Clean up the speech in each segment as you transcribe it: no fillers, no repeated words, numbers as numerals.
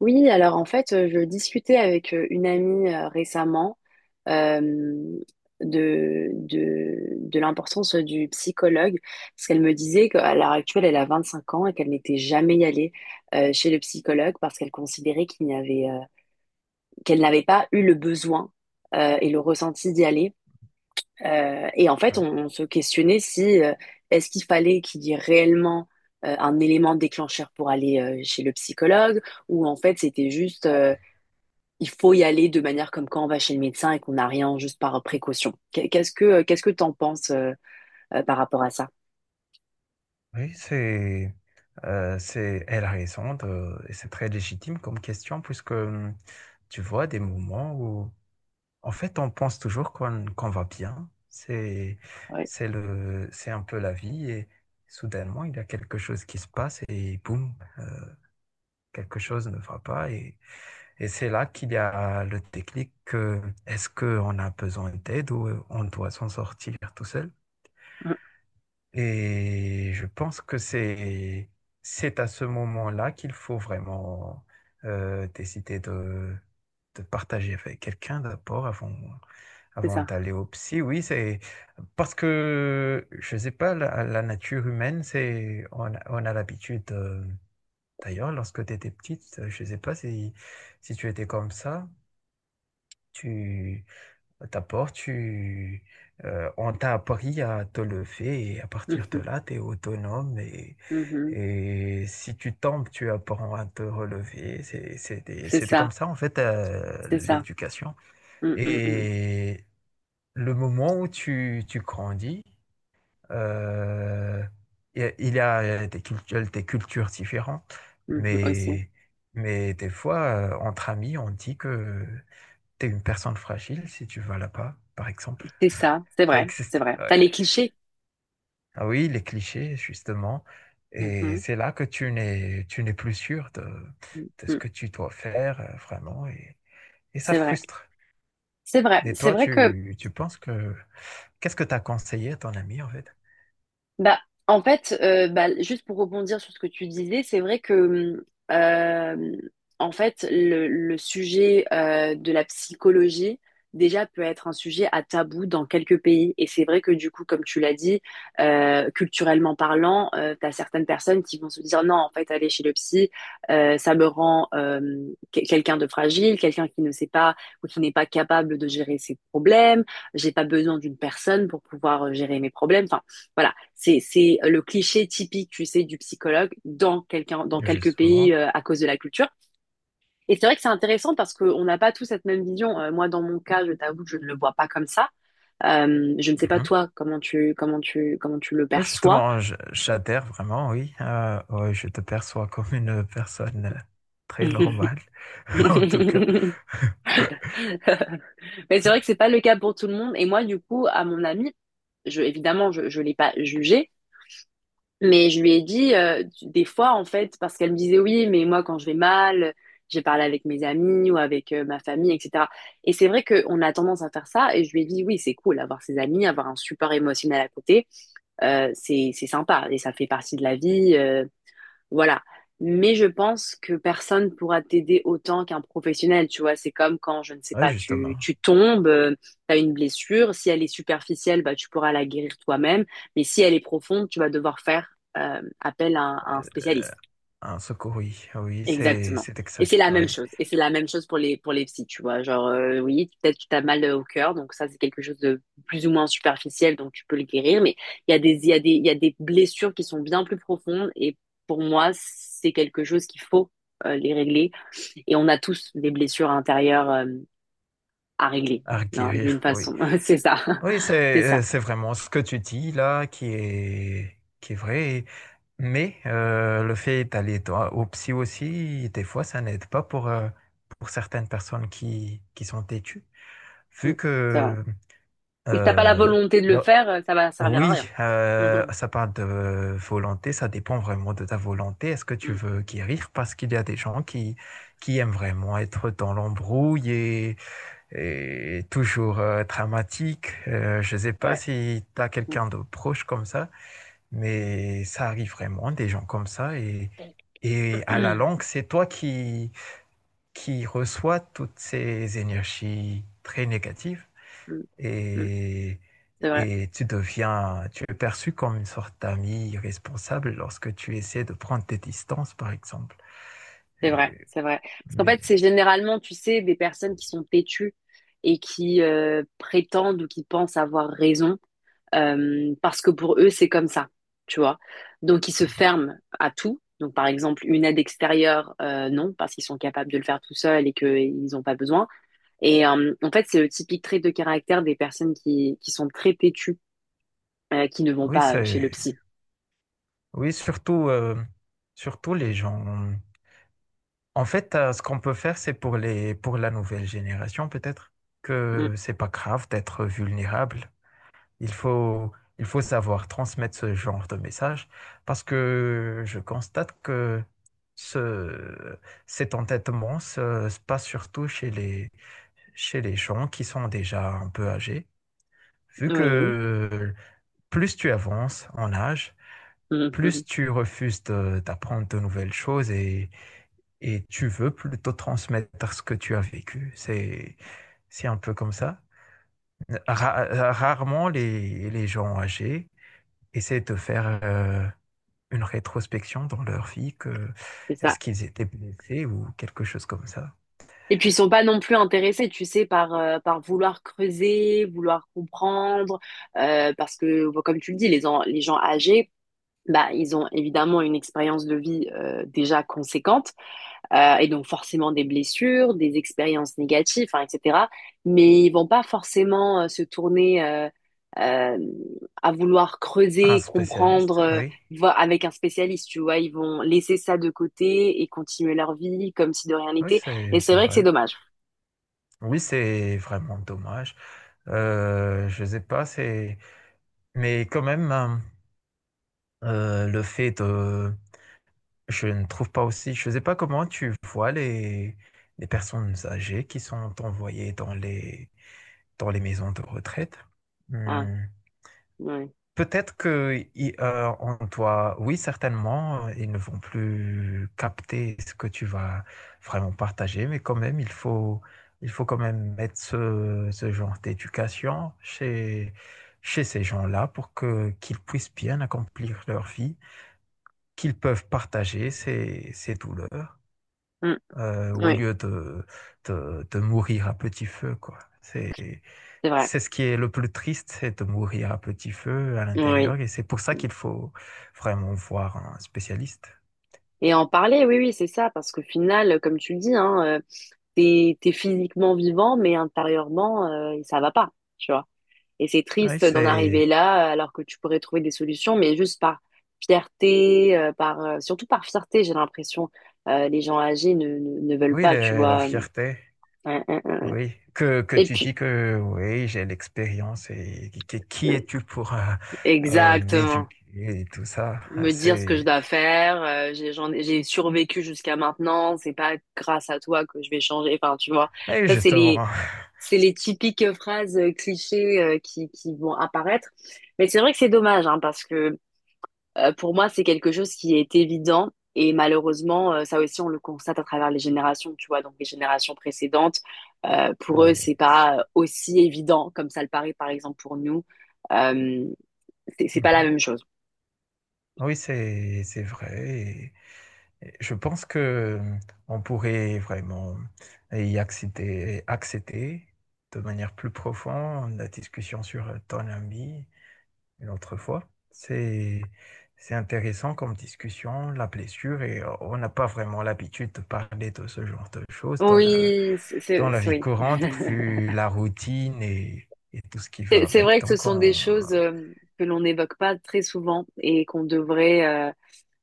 Oui, alors en fait, je discutais avec une amie récemment euh, de l'importance du psychologue, parce qu'elle me disait qu'à l'heure actuelle, elle a 25 ans et qu'elle n'était jamais allée chez le psychologue parce qu'elle considérait qu'elle n'avait pas eu le besoin et le ressenti d'y aller. Et en fait, Ouais. on se questionnait si est-ce qu'il fallait qu'il y ait réellement un élément déclencheur pour aller chez le psychologue, ou en fait, c'était juste, il faut y aller de manière comme quand on va chez le médecin et qu'on n'a rien, juste par précaution. Qu'est-ce que t'en penses, par rapport à ça? Oui, elle a raison de, et c'est très légitime comme question puisque tu vois des moments où, en fait, on pense toujours qu'on va bien. Ouais. C'est un peu la vie et soudainement, il y a quelque chose qui se passe et boum, quelque chose ne va pas et, et c'est là qu'il y a le déclic que est-ce qu'on a besoin d'aide ou on doit s'en sortir tout seul? Mm. Et je pense que c'est à ce moment-là qu'il faut vraiment décider de partager avec quelqu'un d'abord avant, C'est avant ça. d'aller au psy. Oui, c'est parce que, je ne sais pas, la nature humaine, c'est on a l'habitude, d'ailleurs, lorsque tu étais petite, je ne sais pas si, si tu étais comme ça. D'abord, on t'a appris à te lever et à partir de Mhm, là, tu es autonome mhm. et si tu tombes, tu apprends à te relever. C'est C'était comme ça. ça, en fait, C'est ça. l'éducation. Mm, mm, mm, Et le moment où tu grandis, euh, il y a des cultures différentes, mhm, aussi. mais, mais des fois, entre amis, on dit que tu es une personne fragile si tu vas là-bas, par exemple. C'est ça. C'est Ça vrai. C'est existe, vrai. T'as les ouais. clichés. Ah oui, les clichés, justement. Et Mhm, c'est là que tu n'es plus sûr mm, de ce mm. que tu dois faire, vraiment. Et ça C'est vrai. frustre. C'est vrai. Et C'est toi, vrai que tu penses que... Qu'est-ce que tu as conseillé à ton ami, en fait? Bah, en fait, bah, juste pour rebondir sur ce que tu disais, c'est vrai que, en fait, le sujet de la psychologie, déjà, peut être un sujet à tabou dans quelques pays. Et c'est vrai que, du coup, comme tu l'as dit, culturellement parlant, tu as certaines personnes qui vont se dire non, en fait, aller chez le psy, ça me rend quelqu'un de fragile, quelqu'un qui ne sait pas ou qui n'est pas capable de gérer ses problèmes. J'ai pas besoin d'une personne pour pouvoir gérer mes problèmes. Enfin, voilà, c'est le cliché typique, tu sais, du psychologue, dans quelques pays, Justement. À cause de la culture. Et c'est vrai que c'est intéressant parce qu'on n'a pas tous cette même vision. Moi, dans mon cas, je t'avoue que je ne le vois pas comme ça. Je ne sais pas Mhm. toi comment tu le Oui, perçois. justement, j'adhère vraiment, oui. Ouais, je te perçois comme une personne très normale, en tout cas. Mais c'est vrai que c'est pas le cas pour tout le monde. Et moi, du coup, à mon ami, je évidemment, je l'ai pas jugé. Mais je lui ai dit des fois, en fait, parce qu'elle me disait oui, mais moi, quand je vais mal, j'ai parlé avec mes amis ou avec ma famille, etc. Et c'est vrai qu'on a tendance à faire ça. Et je lui ai dit oui, c'est cool, avoir ses amis, avoir un support émotionnel à côté, c'est sympa et ça fait partie de la vie. Voilà. Mais je pense que personne pourra t'aider autant qu'un professionnel, tu vois. C'est comme quand, je ne sais Oui, pas, tu, justement. tu tombes, t'as une blessure. Si elle est superficielle, bah, tu pourras la guérir toi-même. Mais si elle est profonde, tu vas devoir faire appel à un spécialiste. Un secours, oui, ah oui, c'est Exactement. c'est Et c'est exact. la Ah oui. même chose. Et c'est la même chose pour les psys, tu vois. Genre, oui, peut-être que tu as mal au cœur, donc ça, c'est quelque chose de plus ou moins superficiel, donc tu peux le guérir. Mais il y a des blessures qui sont bien plus profondes. Et pour moi, c'est quelque chose qu'il faut les régler. Et on a tous des blessures intérieures à régler, À hein, d'une requérir, oui. façon. C'est ça. Oui, C'est ça. c'est vraiment ce que tu dis là qui est vrai. Mais le fait d'aller toi au psy aussi, des fois, ça n'aide pas pour pour certaines personnes qui sont têtues, Mm. vu C'est vrai. que Ou si t'as pas la euh, volonté de le là- faire, ça va servir à oui, rien. Ça parle de volonté, ça dépend vraiment de ta volonté. Est-ce que Mm. tu Mm. veux guérir? Parce qu'il y a des gens qui aiment vraiment être dans l'embrouille et toujours dramatique. Je ne sais pas Ouais. si tu as Mm. quelqu'un de proche comme ça, mais ça arrive vraiment, des gens comme ça. Et à la longue, c'est toi qui reçois toutes ces énergies très négatives Mm. Mm. et, C'est vrai. et tu deviens, tu es perçu comme une sorte d'ami irresponsable lorsque tu essaies de prendre tes distances, par exemple. C'est vrai, Et- c'est vrai. Parce qu'en mais fait, c'est généralement, tu sais, des personnes qui sont têtues et qui prétendent ou qui pensent avoir raison, parce que pour eux, c'est comme ça, tu vois. Donc, ils se ferment à tout. Donc, par exemple, une aide extérieure, non, parce qu'ils sont capables de le faire tout seuls et qu'ils n'ont pas besoin. Et en fait, c'est le typique trait de caractère des personnes qui sont très têtues, qui ne vont oui, pas chez le c'est, psy. oui, surtout, surtout les gens. En fait, ce qu'on peut faire, c'est pour les, pour la nouvelle génération, peut-être, Mm, que c'est pas grave d'être vulnérable. Il faut, il faut savoir transmettre ce genre de message parce que je constate que ce, cet entêtement se, se passe surtout chez les gens qui sont déjà un peu âgés, vu oui, que plus tu avances en âge, plus tu refuses d'apprendre de nouvelles choses et tu veux plutôt transmettre ce que tu as vécu. C'est un peu comme ça. Rarement les gens âgés essayer de te faire une rétrospection dans leur vie, que c'est est-ce ça. qu'ils étaient blessés ou quelque chose comme ça. Et puis ils sont pas non plus intéressés, tu sais, par vouloir creuser, vouloir comprendre, parce que bon, comme tu le dis, les gens âgés, bah, ils ont évidemment une expérience de vie déjà conséquente, et donc forcément des blessures, des expériences négatives, hein, etc. Mais ils vont pas forcément se tourner euh, à vouloir Un creuser, comprendre, spécialiste, oui. voir avec un spécialiste, tu vois, ils vont laisser ça de côté et continuer leur vie comme si de rien Oui, n'était. Et c'est c'est c'est vrai que c'est vrai. dommage. Oui, c'est vraiment dommage. Je sais pas, c'est... Mais quand même, hein, le fait de... Je ne trouve pas aussi... Je sais pas comment tu vois les personnes âgées qui sont envoyées dans les maisons de retraite. Ah, Hmm. oui. Peut-être que on doit, oui, certainement, ils ne vont plus capter ce que tu vas vraiment partager, mais quand même, il faut quand même mettre ce genre d'éducation chez, chez ces gens-là pour que qu'ils puissent bien accomplir leur vie, qu'ils peuvent partager ces, ces douleurs Mm, au oui, lieu de, de mourir à petit feu, quoi. C'est vrai. C'est ce qui est le plus triste, c'est de mourir à petit feu à Oui. l'intérieur. Et c'est pour ça qu'il faut vraiment voir un spécialiste. Et en parler, oui, oui, c'est ça, parce qu'au final, comme tu le dis, hein, t'es physiquement vivant, mais intérieurement, ça va pas, tu vois. Et c'est Oui, triste d'en arriver c'est, là, alors que tu pourrais trouver des solutions, mais juste par fierté, surtout par fierté, j'ai l'impression, les gens âgés ne veulent oui, pas, tu la vois. Fierté. euh, euh. euh. Oui, que Et tu puis, dis que oui, j'ai l'expérience et qui euh, es-tu pour exactement. m'éduquer et tout ça. Me dire ce que je C'est, dois faire. J'ai survécu jusqu'à maintenant. C'est pas grâce à toi que je vais changer. Enfin, tu vois, et ça, c'est justement, les typiques phrases, clichés, qui vont apparaître. Mais c'est vrai que c'est dommage, hein, parce que pour moi, c'est quelque chose qui est évident. Et malheureusement, ça aussi, on le constate à travers les générations, tu vois. Donc, les générations précédentes, pour eux, oui, c'est pas c'est- aussi évident comme ça le paraît, par exemple, pour nous. Euh, c'est pas la Mhm. même chose. Oui, c'est vrai. Je pense que on pourrait vraiment y accéder, accéder de manière plus profonde la discussion sur ton ami une autre fois. C'est intéressant comme discussion, la blessure, et on n'a pas vraiment l'habitude de parler de ce genre de choses Oui, dans la vie oui. courante, vu la routine et tout ce qui va C'est avec. vrai que ce Donc, sont des on, choses, que l'on n'évoque pas très souvent et qu'on devrait, euh,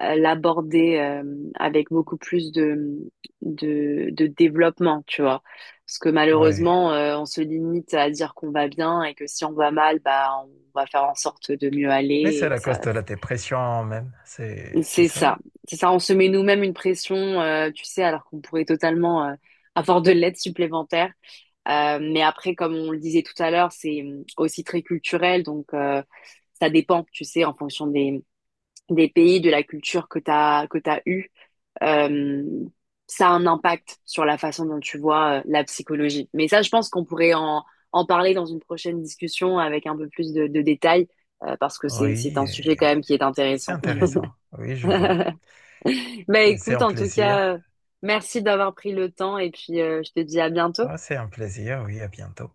euh, l'aborder, avec beaucoup plus de développement, tu vois. Parce que ouais. malheureusement, on se limite à dire qu'on va bien et que si on va mal, bah, on va faire en sorte de mieux Mais aller c'est et la que ça. cause de la dépression même, c'est C'est ça. ça. C'est ça, on se met nous-mêmes une pression, tu sais, alors qu'on pourrait totalement avoir de l'aide supplémentaire. Mais après, comme on le disait tout à l'heure, c'est aussi très culturel, donc ça dépend, tu sais, en fonction des pays, de la culture que t'as eue. Euh, ça a un impact sur la façon dont tu vois, la psychologie. Mais ça, je pense qu'on pourrait en parler dans une prochaine discussion avec un peu plus de détails, parce que c'est Oui. un sujet quand même qui est C'est intéressant. intéressant. Oui, je vois. Bah Et c'est écoute, un en tout plaisir. cas, merci d'avoir pris le temps et puis je te dis à bientôt. Ah, c'est un plaisir. Oui, à bientôt.